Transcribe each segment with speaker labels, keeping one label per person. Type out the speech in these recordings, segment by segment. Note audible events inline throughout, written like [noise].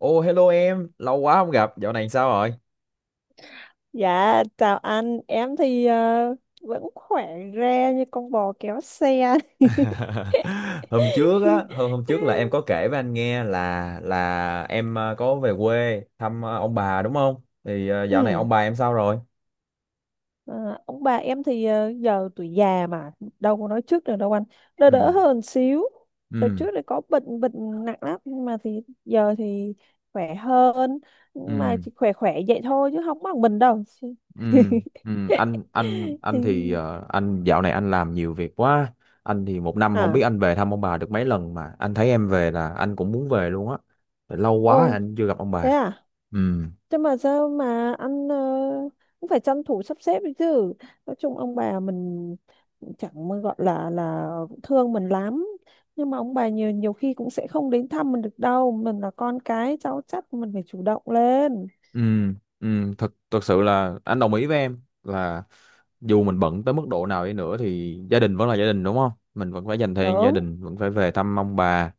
Speaker 1: Ô, hello em, lâu quá không gặp, dạo này sao rồi?
Speaker 2: Dạ, chào anh, em thì vẫn khỏe re như con bò kéo xe.
Speaker 1: [laughs] Hôm trước á, hôm hôm
Speaker 2: [laughs]
Speaker 1: trước là em có kể với anh nghe là em có về quê thăm ông bà đúng không? Thì dạo này
Speaker 2: Ừ.
Speaker 1: ông bà em sao rồi?
Speaker 2: À, ông bà em thì giờ tuổi già mà, đâu có nói trước được đâu anh. Đỡ
Speaker 1: Ừ.
Speaker 2: đỡ hơn xíu. Đợt
Speaker 1: Ừ.
Speaker 2: trước thì có bệnh bệnh nặng lắm, nhưng mà thì giờ thì khỏe hơn, nhưng mà
Speaker 1: Ừ.
Speaker 2: chỉ khỏe khỏe vậy thôi chứ không bằng mình đâu.
Speaker 1: Ừ. Ừ. anh thì anh dạo này anh làm nhiều việc quá. Anh thì một năm
Speaker 2: [laughs]
Speaker 1: không biết
Speaker 2: À,
Speaker 1: anh về thăm ông bà được mấy lần mà anh thấy em về là anh cũng muốn về luôn á. Lâu quá
Speaker 2: ô
Speaker 1: anh chưa gặp ông
Speaker 2: thế
Speaker 1: bà.
Speaker 2: à?
Speaker 1: Ừ.
Speaker 2: Thế mà sao mà ăn cũng phải tranh thủ sắp xếp đấy chứ. Nói chung ông bà mình chẳng mà gọi là thương mình lắm. Nhưng mà ông bà nhiều nhiều khi cũng sẽ không đến thăm mình được đâu. Mình là con cái cháu chắc mình phải chủ động lên.
Speaker 1: Ừ, ừ, thật thật sự là anh đồng ý với em là dù mình bận tới mức độ nào đi nữa thì gia đình vẫn là gia đình đúng không? Mình vẫn phải dành thời gian gia
Speaker 2: Đúng.
Speaker 1: đình, vẫn phải về thăm ông bà.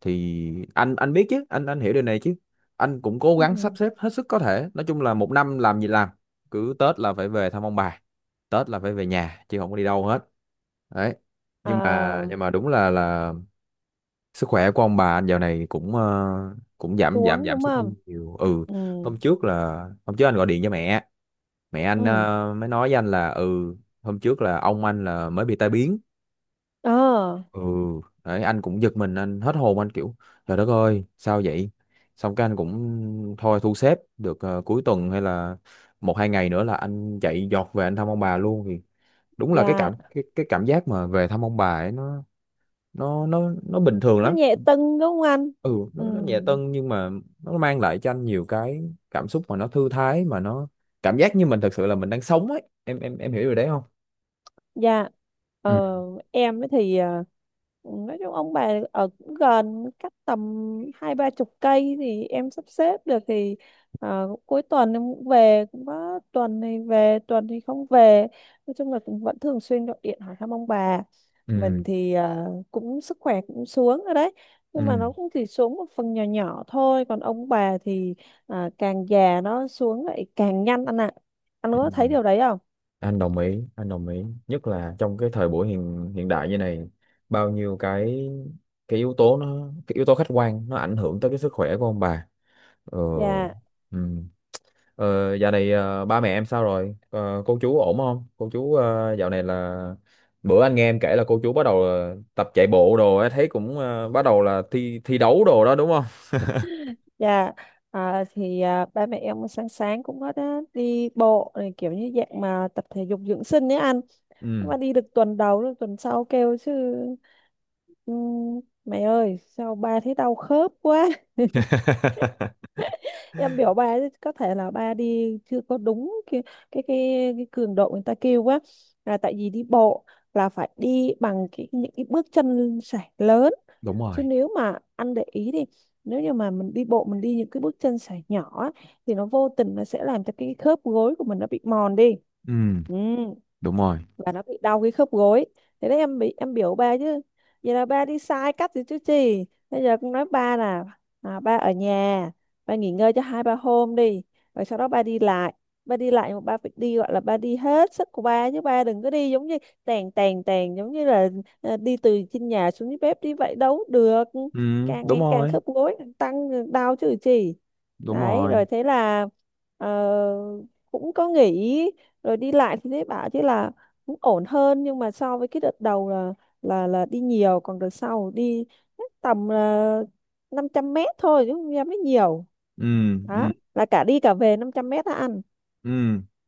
Speaker 1: Thì anh biết chứ, anh hiểu điều này chứ. Anh cũng cố gắng sắp
Speaker 2: Ừ.
Speaker 1: xếp hết sức có thể. Nói chung là một năm làm gì làm, cứ Tết là phải về thăm ông bà, Tết là phải về nhà chứ không có đi đâu hết. Đấy. Nhưng mà
Speaker 2: À,
Speaker 1: nhưng mà đúng là sức khỏe của ông bà dạo này cũng cũng giảm giảm
Speaker 2: xuống
Speaker 1: giảm
Speaker 2: đúng
Speaker 1: sút
Speaker 2: không?
Speaker 1: đi nhiều. Ừ,
Speaker 2: Ừ.
Speaker 1: hôm trước là hôm trước anh gọi điện cho mẹ, mẹ anh
Speaker 2: Ừ.
Speaker 1: mới nói với anh là ừ hôm trước là ông anh là mới bị tai biến.
Speaker 2: Ờ,
Speaker 1: Ừ, đấy anh cũng giật mình anh hết hồn anh kiểu trời đất ơi sao vậy, xong cái anh cũng thôi thu xếp được cuối tuần hay là một hai ngày nữa là anh chạy giọt về anh thăm ông bà luôn. Thì đúng là
Speaker 2: dạ.
Speaker 1: cái cảm giác mà về thăm ông bà ấy nó nó bình thường
Speaker 2: Nó
Speaker 1: lắm.
Speaker 2: nhẹ tưng đúng không anh?
Speaker 1: Ừ
Speaker 2: Ừ.
Speaker 1: nó nhẹ tân nhưng mà nó mang lại cho anh nhiều cái cảm xúc mà nó thư thái mà nó cảm giác như mình thật sự là mình đang sống ấy em em hiểu điều đấy không?
Speaker 2: Dạ, ờ,
Speaker 1: Ừ.
Speaker 2: em ấy thì nói chung ông bà ở cũng gần cách tầm hai ba chục cây thì em sắp xếp được thì cuối tuần em cũng về, cũng có tuần thì về tuần thì không về, nói chung là cũng vẫn thường xuyên gọi điện hỏi thăm ông bà.
Speaker 1: Ừ.
Speaker 2: Mình thì cũng sức khỏe cũng xuống rồi đấy, nhưng mà
Speaker 1: Ừ.
Speaker 2: nó cũng chỉ xuống một phần nhỏ nhỏ thôi, còn ông bà thì à, càng già nó xuống lại càng nhanh anh ạ. Anh
Speaker 1: Ừ.
Speaker 2: có thấy điều đấy không?
Speaker 1: Anh đồng ý anh đồng ý nhất là trong cái thời buổi hiện hiện đại như này bao nhiêu cái yếu tố nó cái yếu tố khách quan nó ảnh hưởng tới cái sức khỏe của ông bà. Ừ.
Speaker 2: Dạ.
Speaker 1: Ừ. Ờ, dạo này ba mẹ em sao rồi? Ờ, cô chú ổn không? Cô chú dạo này là bữa anh nghe em kể là cô chú bắt đầu tập chạy bộ đồ ấy, thấy cũng bắt đầu là thi thi đấu đồ đó đúng không?
Speaker 2: Dạ, à, thì à, ba mẹ em sáng sáng cũng có đã đi bộ này, kiểu như dạng mà tập thể dục dưỡng sinh ấy anh. Nhưng
Speaker 1: Ừ.
Speaker 2: mà đi được tuần đầu, rồi tuần sau kêu chứ mày ơi, sao ba thấy đau khớp quá." [laughs]
Speaker 1: [laughs]
Speaker 2: Em biểu ba chứ có thể là ba đi chưa có đúng cái cường độ người ta kêu quá. Là tại vì đi bộ là phải đi bằng cái những cái bước chân sải lớn,
Speaker 1: Đúng
Speaker 2: chứ
Speaker 1: rồi.
Speaker 2: nếu mà anh để ý đi, nếu như mà mình đi bộ mình đi những cái bước chân sải nhỏ á, thì nó vô tình nó sẽ làm cho cái khớp gối của mình nó bị mòn đi.
Speaker 1: Ừ,
Speaker 2: Ừ.
Speaker 1: đúng rồi.
Speaker 2: Và nó bị đau cái khớp gối. Thế đấy, em bị em biểu ba chứ vậy là ba đi sai cách rồi chứ gì. Bây giờ cũng nói ba là à, ba ở nhà, ba nghỉ ngơi cho hai ba hôm đi, rồi sau đó ba đi lại. Ba đi lại mà ba phải đi, gọi là ba đi hết sức của ba, chứ ba đừng có đi giống như tèn tèn tèn, giống như là đi từ trên nhà xuống dưới bếp đi vậy đâu được.
Speaker 1: Ừ,
Speaker 2: Càng
Speaker 1: đúng
Speaker 2: ngày càng
Speaker 1: rồi.
Speaker 2: khớp gối càng tăng đau chứ chỉ.
Speaker 1: Đúng
Speaker 2: Đấy
Speaker 1: rồi.
Speaker 2: rồi thế là ờ, cũng có nghỉ, rồi đi lại thì thấy bảo chứ là cũng ổn hơn, nhưng mà so với cái đợt đầu là là đi nhiều, còn đợt sau đi chắc tầm 500 m thôi chứ không dám mới nhiều.
Speaker 1: Ừ.
Speaker 2: Đó
Speaker 1: Ừ.
Speaker 2: là cả đi cả về 500 m đã ăn.
Speaker 1: Ừ,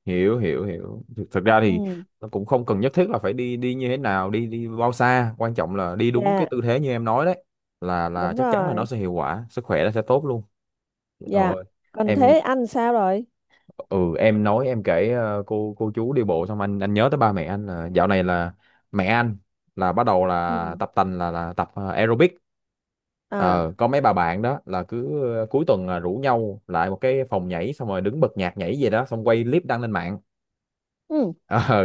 Speaker 1: hiểu hiểu hiểu. Thực ra thì
Speaker 2: Ừ.
Speaker 1: nó cũng không cần nhất thiết là phải đi đi như thế nào, đi đi bao xa, quan trọng là đi đúng cái
Speaker 2: Dạ.
Speaker 1: tư thế như em nói đấy là
Speaker 2: Đúng
Speaker 1: chắc chắn là nó
Speaker 2: rồi.
Speaker 1: sẽ hiệu quả, sức khỏe nó sẽ tốt luôn.
Speaker 2: Dạ,
Speaker 1: Rồi
Speaker 2: còn
Speaker 1: em
Speaker 2: thế ăn sao rồi?
Speaker 1: ừ em nói em kể cô chú đi bộ xong anh nhớ tới ba mẹ anh là dạo này là mẹ anh là bắt đầu
Speaker 2: Ừ.
Speaker 1: là tập tành là tập aerobic.
Speaker 2: À.
Speaker 1: Ờ, có mấy bà bạn đó là cứ cuối tuần là rủ nhau lại một cái phòng nhảy xong rồi đứng bật nhạc nhảy gì đó xong quay clip đăng lên mạng
Speaker 2: Ừ.
Speaker 1: ờ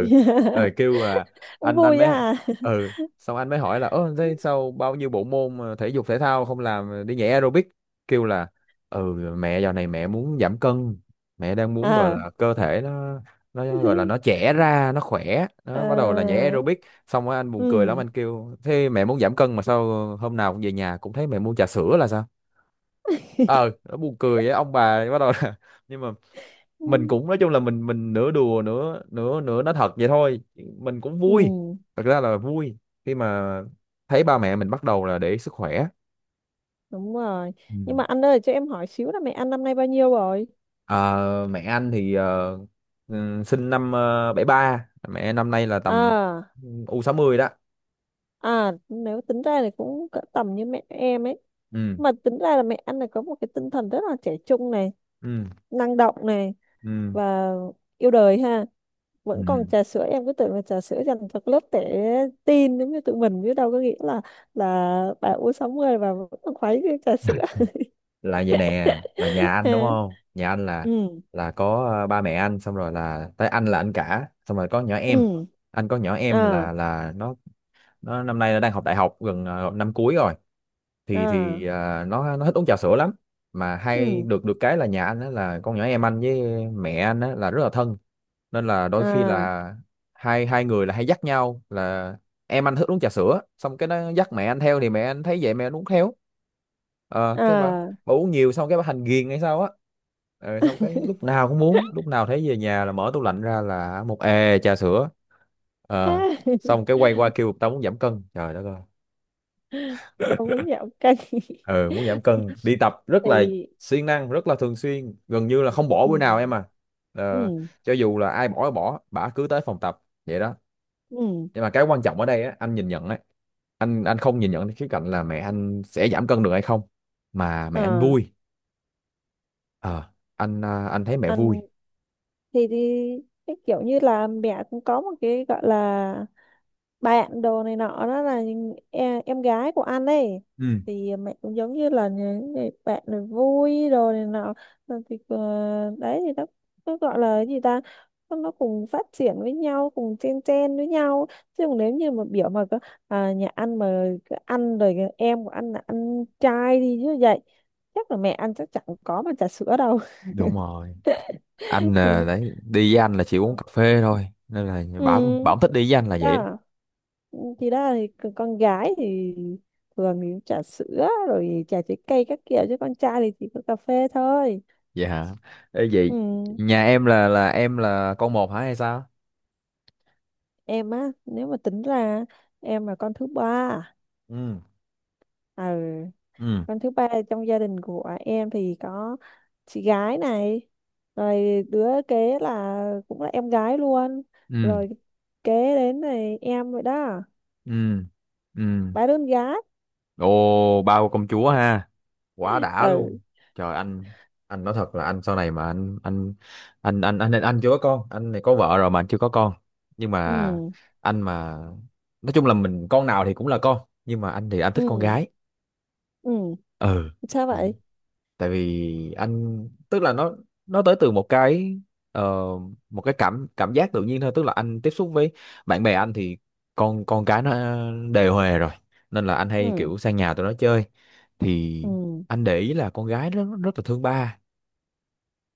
Speaker 1: rồi kêu là
Speaker 2: Cũng
Speaker 1: anh
Speaker 2: vui
Speaker 1: mới
Speaker 2: á.
Speaker 1: ừ xong anh mới hỏi là ơ thế sao bao nhiêu bộ môn mà thể dục thể thao không làm đi nhảy aerobic kêu là ừ mẹ dạo này mẹ muốn giảm cân mẹ đang muốn gọi
Speaker 2: À.
Speaker 1: là cơ thể nó gọi là nó
Speaker 2: [laughs]
Speaker 1: trẻ ra nó khỏe
Speaker 2: Ờ,
Speaker 1: nó bắt đầu là nhảy aerobic xong rồi anh buồn cười lắm
Speaker 2: ừ.
Speaker 1: anh kêu thế mẹ muốn giảm cân mà sao hôm nào cũng về nhà cũng thấy mẹ mua trà sữa là sao. Ờ nó buồn cười với ông bà bắt đầu là [laughs] nhưng mà
Speaker 2: Ừ.
Speaker 1: mình cũng nói chung là mình nửa đùa nửa nửa nửa nói thật vậy thôi mình cũng vui,
Speaker 2: Ừ,
Speaker 1: thật ra là vui khi mà thấy ba mẹ mình bắt đầu là để ý sức khỏe.
Speaker 2: đúng rồi.
Speaker 1: Ừ.
Speaker 2: Nhưng mà anh ơi, cho em hỏi xíu là mẹ anh năm nay bao nhiêu rồi?
Speaker 1: Ờ, mẹ anh thì ừ, sinh năm 73, mẹ năm nay là tầm
Speaker 2: À,
Speaker 1: u 60 đó.
Speaker 2: à, nếu tính ra thì cũng cỡ tầm như mẹ em ấy.
Speaker 1: Ừ.
Speaker 2: Mà tính ra là mẹ anh này có một cái tinh thần rất là trẻ trung này,
Speaker 1: Ừ.
Speaker 2: năng động này,
Speaker 1: Ừ.
Speaker 2: và yêu đời ha.
Speaker 1: Ừ.
Speaker 2: Vẫn còn trà sữa, em cứ tưởng là trà sữa dành cho lớp trẻ teen giống như tụi mình, chứ đâu có nghĩ là bà u 60 và vẫn còn khuấy cái trà sữa.
Speaker 1: Là vậy nè là nhà
Speaker 2: [laughs]
Speaker 1: anh đúng
Speaker 2: À,
Speaker 1: không, nhà anh
Speaker 2: ừ,
Speaker 1: là có ba mẹ anh xong rồi là tới anh là anh cả xong rồi có nhỏ em.
Speaker 2: ừ,
Speaker 1: Anh có nhỏ em
Speaker 2: à,
Speaker 1: là nó năm nay nó đang học đại học gần năm cuối rồi
Speaker 2: à,
Speaker 1: thì à, nó thích uống trà sữa lắm, mà hay
Speaker 2: ừ,
Speaker 1: được được cái là nhà anh á là con nhỏ em anh với mẹ anh á là rất là thân nên là đôi khi
Speaker 2: à,
Speaker 1: là hai hai người là hay dắt nhau là em anh thích uống trà sữa xong cái nó dắt mẹ anh theo thì mẹ anh thấy vậy mẹ anh uống theo ờ cái
Speaker 2: à,
Speaker 1: bà uống nhiều xong cái bà thành ghiền hay sao á, ờ, xong cái lúc nào cũng muốn lúc nào thấy về nhà là mở tủ lạnh ra là một ề trà sữa
Speaker 2: à.
Speaker 1: ờ xong
Speaker 2: [laughs]
Speaker 1: cái quay qua kêu tao muốn giảm cân trời đất ơi.
Speaker 2: Tao
Speaker 1: [laughs]
Speaker 2: muốn nhậu canh.
Speaker 1: Ờ muốn giảm cân đi
Speaker 2: [laughs]
Speaker 1: tập rất là
Speaker 2: Thì
Speaker 1: siêng năng rất là thường xuyên gần như là không bỏ bữa nào
Speaker 2: ừ,
Speaker 1: em à, ờ,
Speaker 2: ừ,
Speaker 1: cho dù là ai bỏ thì bỏ bả cứ tới phòng tập vậy đó,
Speaker 2: ừ,
Speaker 1: nhưng mà cái quan trọng ở đây á, anh nhìn nhận á, anh không nhìn nhận cái khía cạnh là mẹ anh sẽ giảm cân được hay không mà mẹ anh
Speaker 2: à.
Speaker 1: vui. Ờ anh à, anh thấy mẹ
Speaker 2: Anh
Speaker 1: vui.
Speaker 2: thì cái kiểu như là mẹ cũng có một cái gọi là bạn đồ này nọ, đó là những em gái của anh ấy.
Speaker 1: Ừ,
Speaker 2: Thì mẹ cũng giống như là những người bạn này, vui đồ này nọ. Rồi thì đấy thì nó gọi là cái gì ta, nó cùng phát triển với nhau, cùng chen chen với nhau. Chứ còn nếu như mà biểu mà có à, nhà ăn mà cứ ăn rồi cái em của anh là ăn trai đi như vậy, chắc là mẹ ăn chắc chẳng có mà trà sữa đâu.
Speaker 1: đúng rồi. Anh
Speaker 2: [laughs]
Speaker 1: là
Speaker 2: Ừ.
Speaker 1: đấy đi với anh là chỉ uống cà phê thôi nên là bảo
Speaker 2: Ừ.
Speaker 1: bảo thích đi với anh là vậy đó.
Speaker 2: Đó. Chị đó thì con gái thì thường thì trà sữa rồi trà trái cây các kiểu, chứ con trai thì chỉ có cà phê thôi.
Speaker 1: Vậy hả? Ê,
Speaker 2: Ừ.
Speaker 1: vậy nhà em là em là con một hả hay sao?
Speaker 2: Em á, nếu mà tính ra em là con thứ ba.
Speaker 1: Ừ.
Speaker 2: À,
Speaker 1: Ừ.
Speaker 2: con thứ ba trong gia đình của em thì có chị gái này, rồi đứa kế là cũng là em gái luôn,
Speaker 1: Ừ.
Speaker 2: rồi kế đến này em rồi đó,
Speaker 1: Ừ. Ừ.
Speaker 2: ba đứa con gái.
Speaker 1: Ồ, bao công chúa ha. Quá đã
Speaker 2: Ừ.
Speaker 1: luôn. Trời anh nói thật là anh sau này mà anh chưa có con, anh này có vợ rồi mà anh chưa có con, nhưng mà
Speaker 2: Ừ.
Speaker 1: anh mà nói chung là mình con nào thì cũng là con nhưng mà anh thì anh thích con
Speaker 2: Ừ.
Speaker 1: gái.
Speaker 2: Ừ.
Speaker 1: Ừ,
Speaker 2: Sao vậy?
Speaker 1: tại vì anh tức là nó tới từ một cái ờ, một cái cảm cảm giác tự nhiên thôi tức là anh tiếp xúc với bạn bè anh thì con cái nó đề huề rồi nên là anh hay
Speaker 2: Ừ.
Speaker 1: kiểu sang nhà tụi nó chơi thì
Speaker 2: Ừ.
Speaker 1: anh để ý là con gái rất rất là thương ba,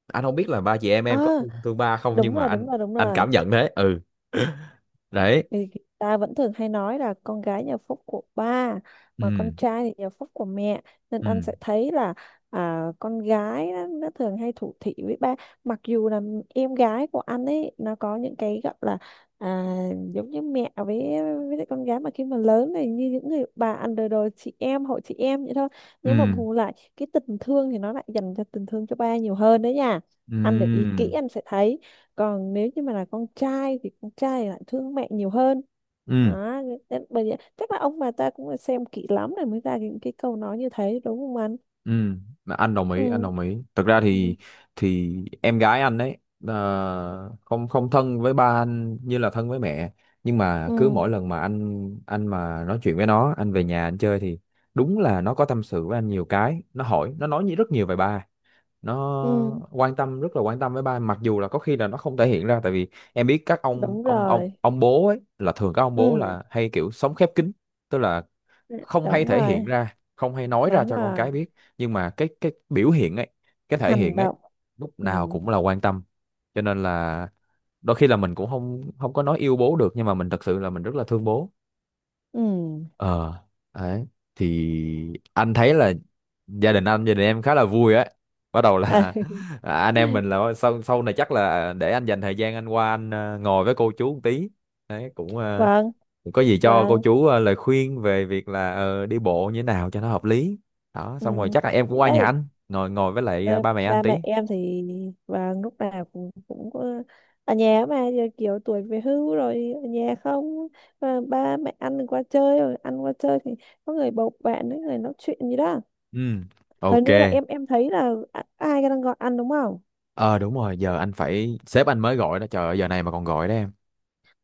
Speaker 1: anh không biết là ba chị
Speaker 2: À,
Speaker 1: em có thương, thương ba không
Speaker 2: đúng
Speaker 1: nhưng mà
Speaker 2: rồi, đúng rồi, đúng
Speaker 1: anh
Speaker 2: rồi.
Speaker 1: cảm nhận thế. Ừ, đấy.
Speaker 2: Vì ta vẫn thường hay nói là con gái nhà phúc của ba, mà con
Speaker 1: Ừ.
Speaker 2: trai thì nhà phúc của mẹ. Nên anh
Speaker 1: Ừ.
Speaker 2: sẽ thấy là à, con gái nó thường hay thủ thỉ với ba. Mặc dù là em gái của anh ấy, nó có những cái gọi là à, giống như mẹ với lại con gái mà khi mà lớn này như những người bà underdog chị em, hội chị em vậy thôi. Nhưng mà
Speaker 1: Ừ.
Speaker 2: bù lại, cái tình thương thì nó lại dành cho tình thương cho ba nhiều hơn đấy nha.
Speaker 1: Ừ.
Speaker 2: Anh để ý kỹ
Speaker 1: Ừ.
Speaker 2: anh sẽ thấy, còn nếu như mà là con trai thì con trai lại thương mẹ nhiều hơn.
Speaker 1: Ừ.
Speaker 2: Đó. Nên bởi vậy chắc là ông bà ta cũng phải xem kỹ lắm rồi mới ra những cái câu nói như thế, đúng không anh?
Speaker 1: Ừ, mà anh đồng ý, anh
Speaker 2: Ừ.
Speaker 1: đồng ý. Thực ra
Speaker 2: Ừ.
Speaker 1: thì em gái anh ấy không không thân với ba anh như là thân với mẹ, nhưng mà cứ
Speaker 2: Ừ.
Speaker 1: mỗi lần mà anh mà nói chuyện với nó, anh về nhà anh chơi thì đúng là nó có tâm sự với anh nhiều cái, nó hỏi, nó nói rất nhiều về ba.
Speaker 2: Ừ.
Speaker 1: Nó quan tâm rất là quan tâm với ba mặc dù là có khi là nó không thể hiện ra tại vì em biết các ông
Speaker 2: Đúng
Speaker 1: ông ông
Speaker 2: rồi.
Speaker 1: ông bố ấy là thường các ông bố
Speaker 2: Ừ.
Speaker 1: là hay kiểu sống khép kín, tức là
Speaker 2: Ừ,
Speaker 1: không hay
Speaker 2: đúng
Speaker 1: thể hiện
Speaker 2: rồi.
Speaker 1: ra không hay nói ra
Speaker 2: Đúng
Speaker 1: cho con cái
Speaker 2: rồi.
Speaker 1: biết nhưng mà cái biểu hiện ấy cái thể
Speaker 2: Hành
Speaker 1: hiện ấy
Speaker 2: động.
Speaker 1: lúc
Speaker 2: Ừ.
Speaker 1: nào cũng là quan tâm cho nên là đôi khi là mình cũng không không có nói yêu bố được nhưng mà mình thật sự là mình rất là thương bố.
Speaker 2: Ừ.
Speaker 1: Ờ đấy, thì anh thấy là gia đình anh gia đình em khá là vui á bắt đầu
Speaker 2: [laughs] À.
Speaker 1: là [laughs] à, anh em
Speaker 2: [laughs]
Speaker 1: mình là sau sau này chắc là để anh dành thời gian anh qua anh ngồi với cô chú một tí đấy cũng
Speaker 2: Vâng.
Speaker 1: có gì cho cô
Speaker 2: Vâng.
Speaker 1: chú lời khuyên về việc là đi bộ như thế nào cho nó hợp lý đó
Speaker 2: Ừ,
Speaker 1: xong rồi chắc là em
Speaker 2: thì
Speaker 1: cũng qua nhà
Speaker 2: đây.
Speaker 1: anh ngồi ngồi với lại
Speaker 2: Ờ,
Speaker 1: ba mẹ anh
Speaker 2: ba mẹ
Speaker 1: tí.
Speaker 2: em thì và lúc nào cũng cũng có ở nhà, mà giờ kiểu tuổi về hưu rồi ở nhà không, mà ba mẹ ăn qua chơi rồi ăn qua chơi thì có người bầu bạn ấy, người nói chuyện gì đó.
Speaker 1: Ừ,
Speaker 2: Hình
Speaker 1: ok.
Speaker 2: như là em thấy là ai đang gọi ăn đúng không?
Speaker 1: Ờ đúng rồi giờ anh phải sếp anh mới gọi đó trời ơi, giờ này mà còn gọi đó em.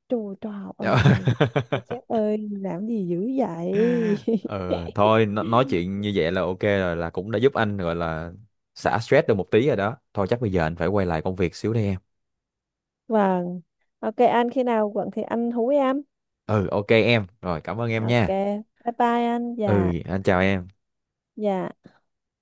Speaker 2: Trời trời ơi. Mà
Speaker 1: [laughs]
Speaker 2: sếp ơi làm gì dữ vậy?
Speaker 1: Ừ thôi nói chuyện
Speaker 2: [laughs]
Speaker 1: như vậy là ok rồi là cũng đã giúp anh gọi là xả stress được một tí rồi đó, thôi chắc bây giờ anh phải quay lại công việc xíu đây em.
Speaker 2: Vâng. Ok anh khi nào quận thì anh hú em.
Speaker 1: Ừ ok em rồi cảm ơn em
Speaker 2: Ok.
Speaker 1: nha.
Speaker 2: Bye bye anh. Dạ.
Speaker 1: Ừ anh chào em.
Speaker 2: Dạ.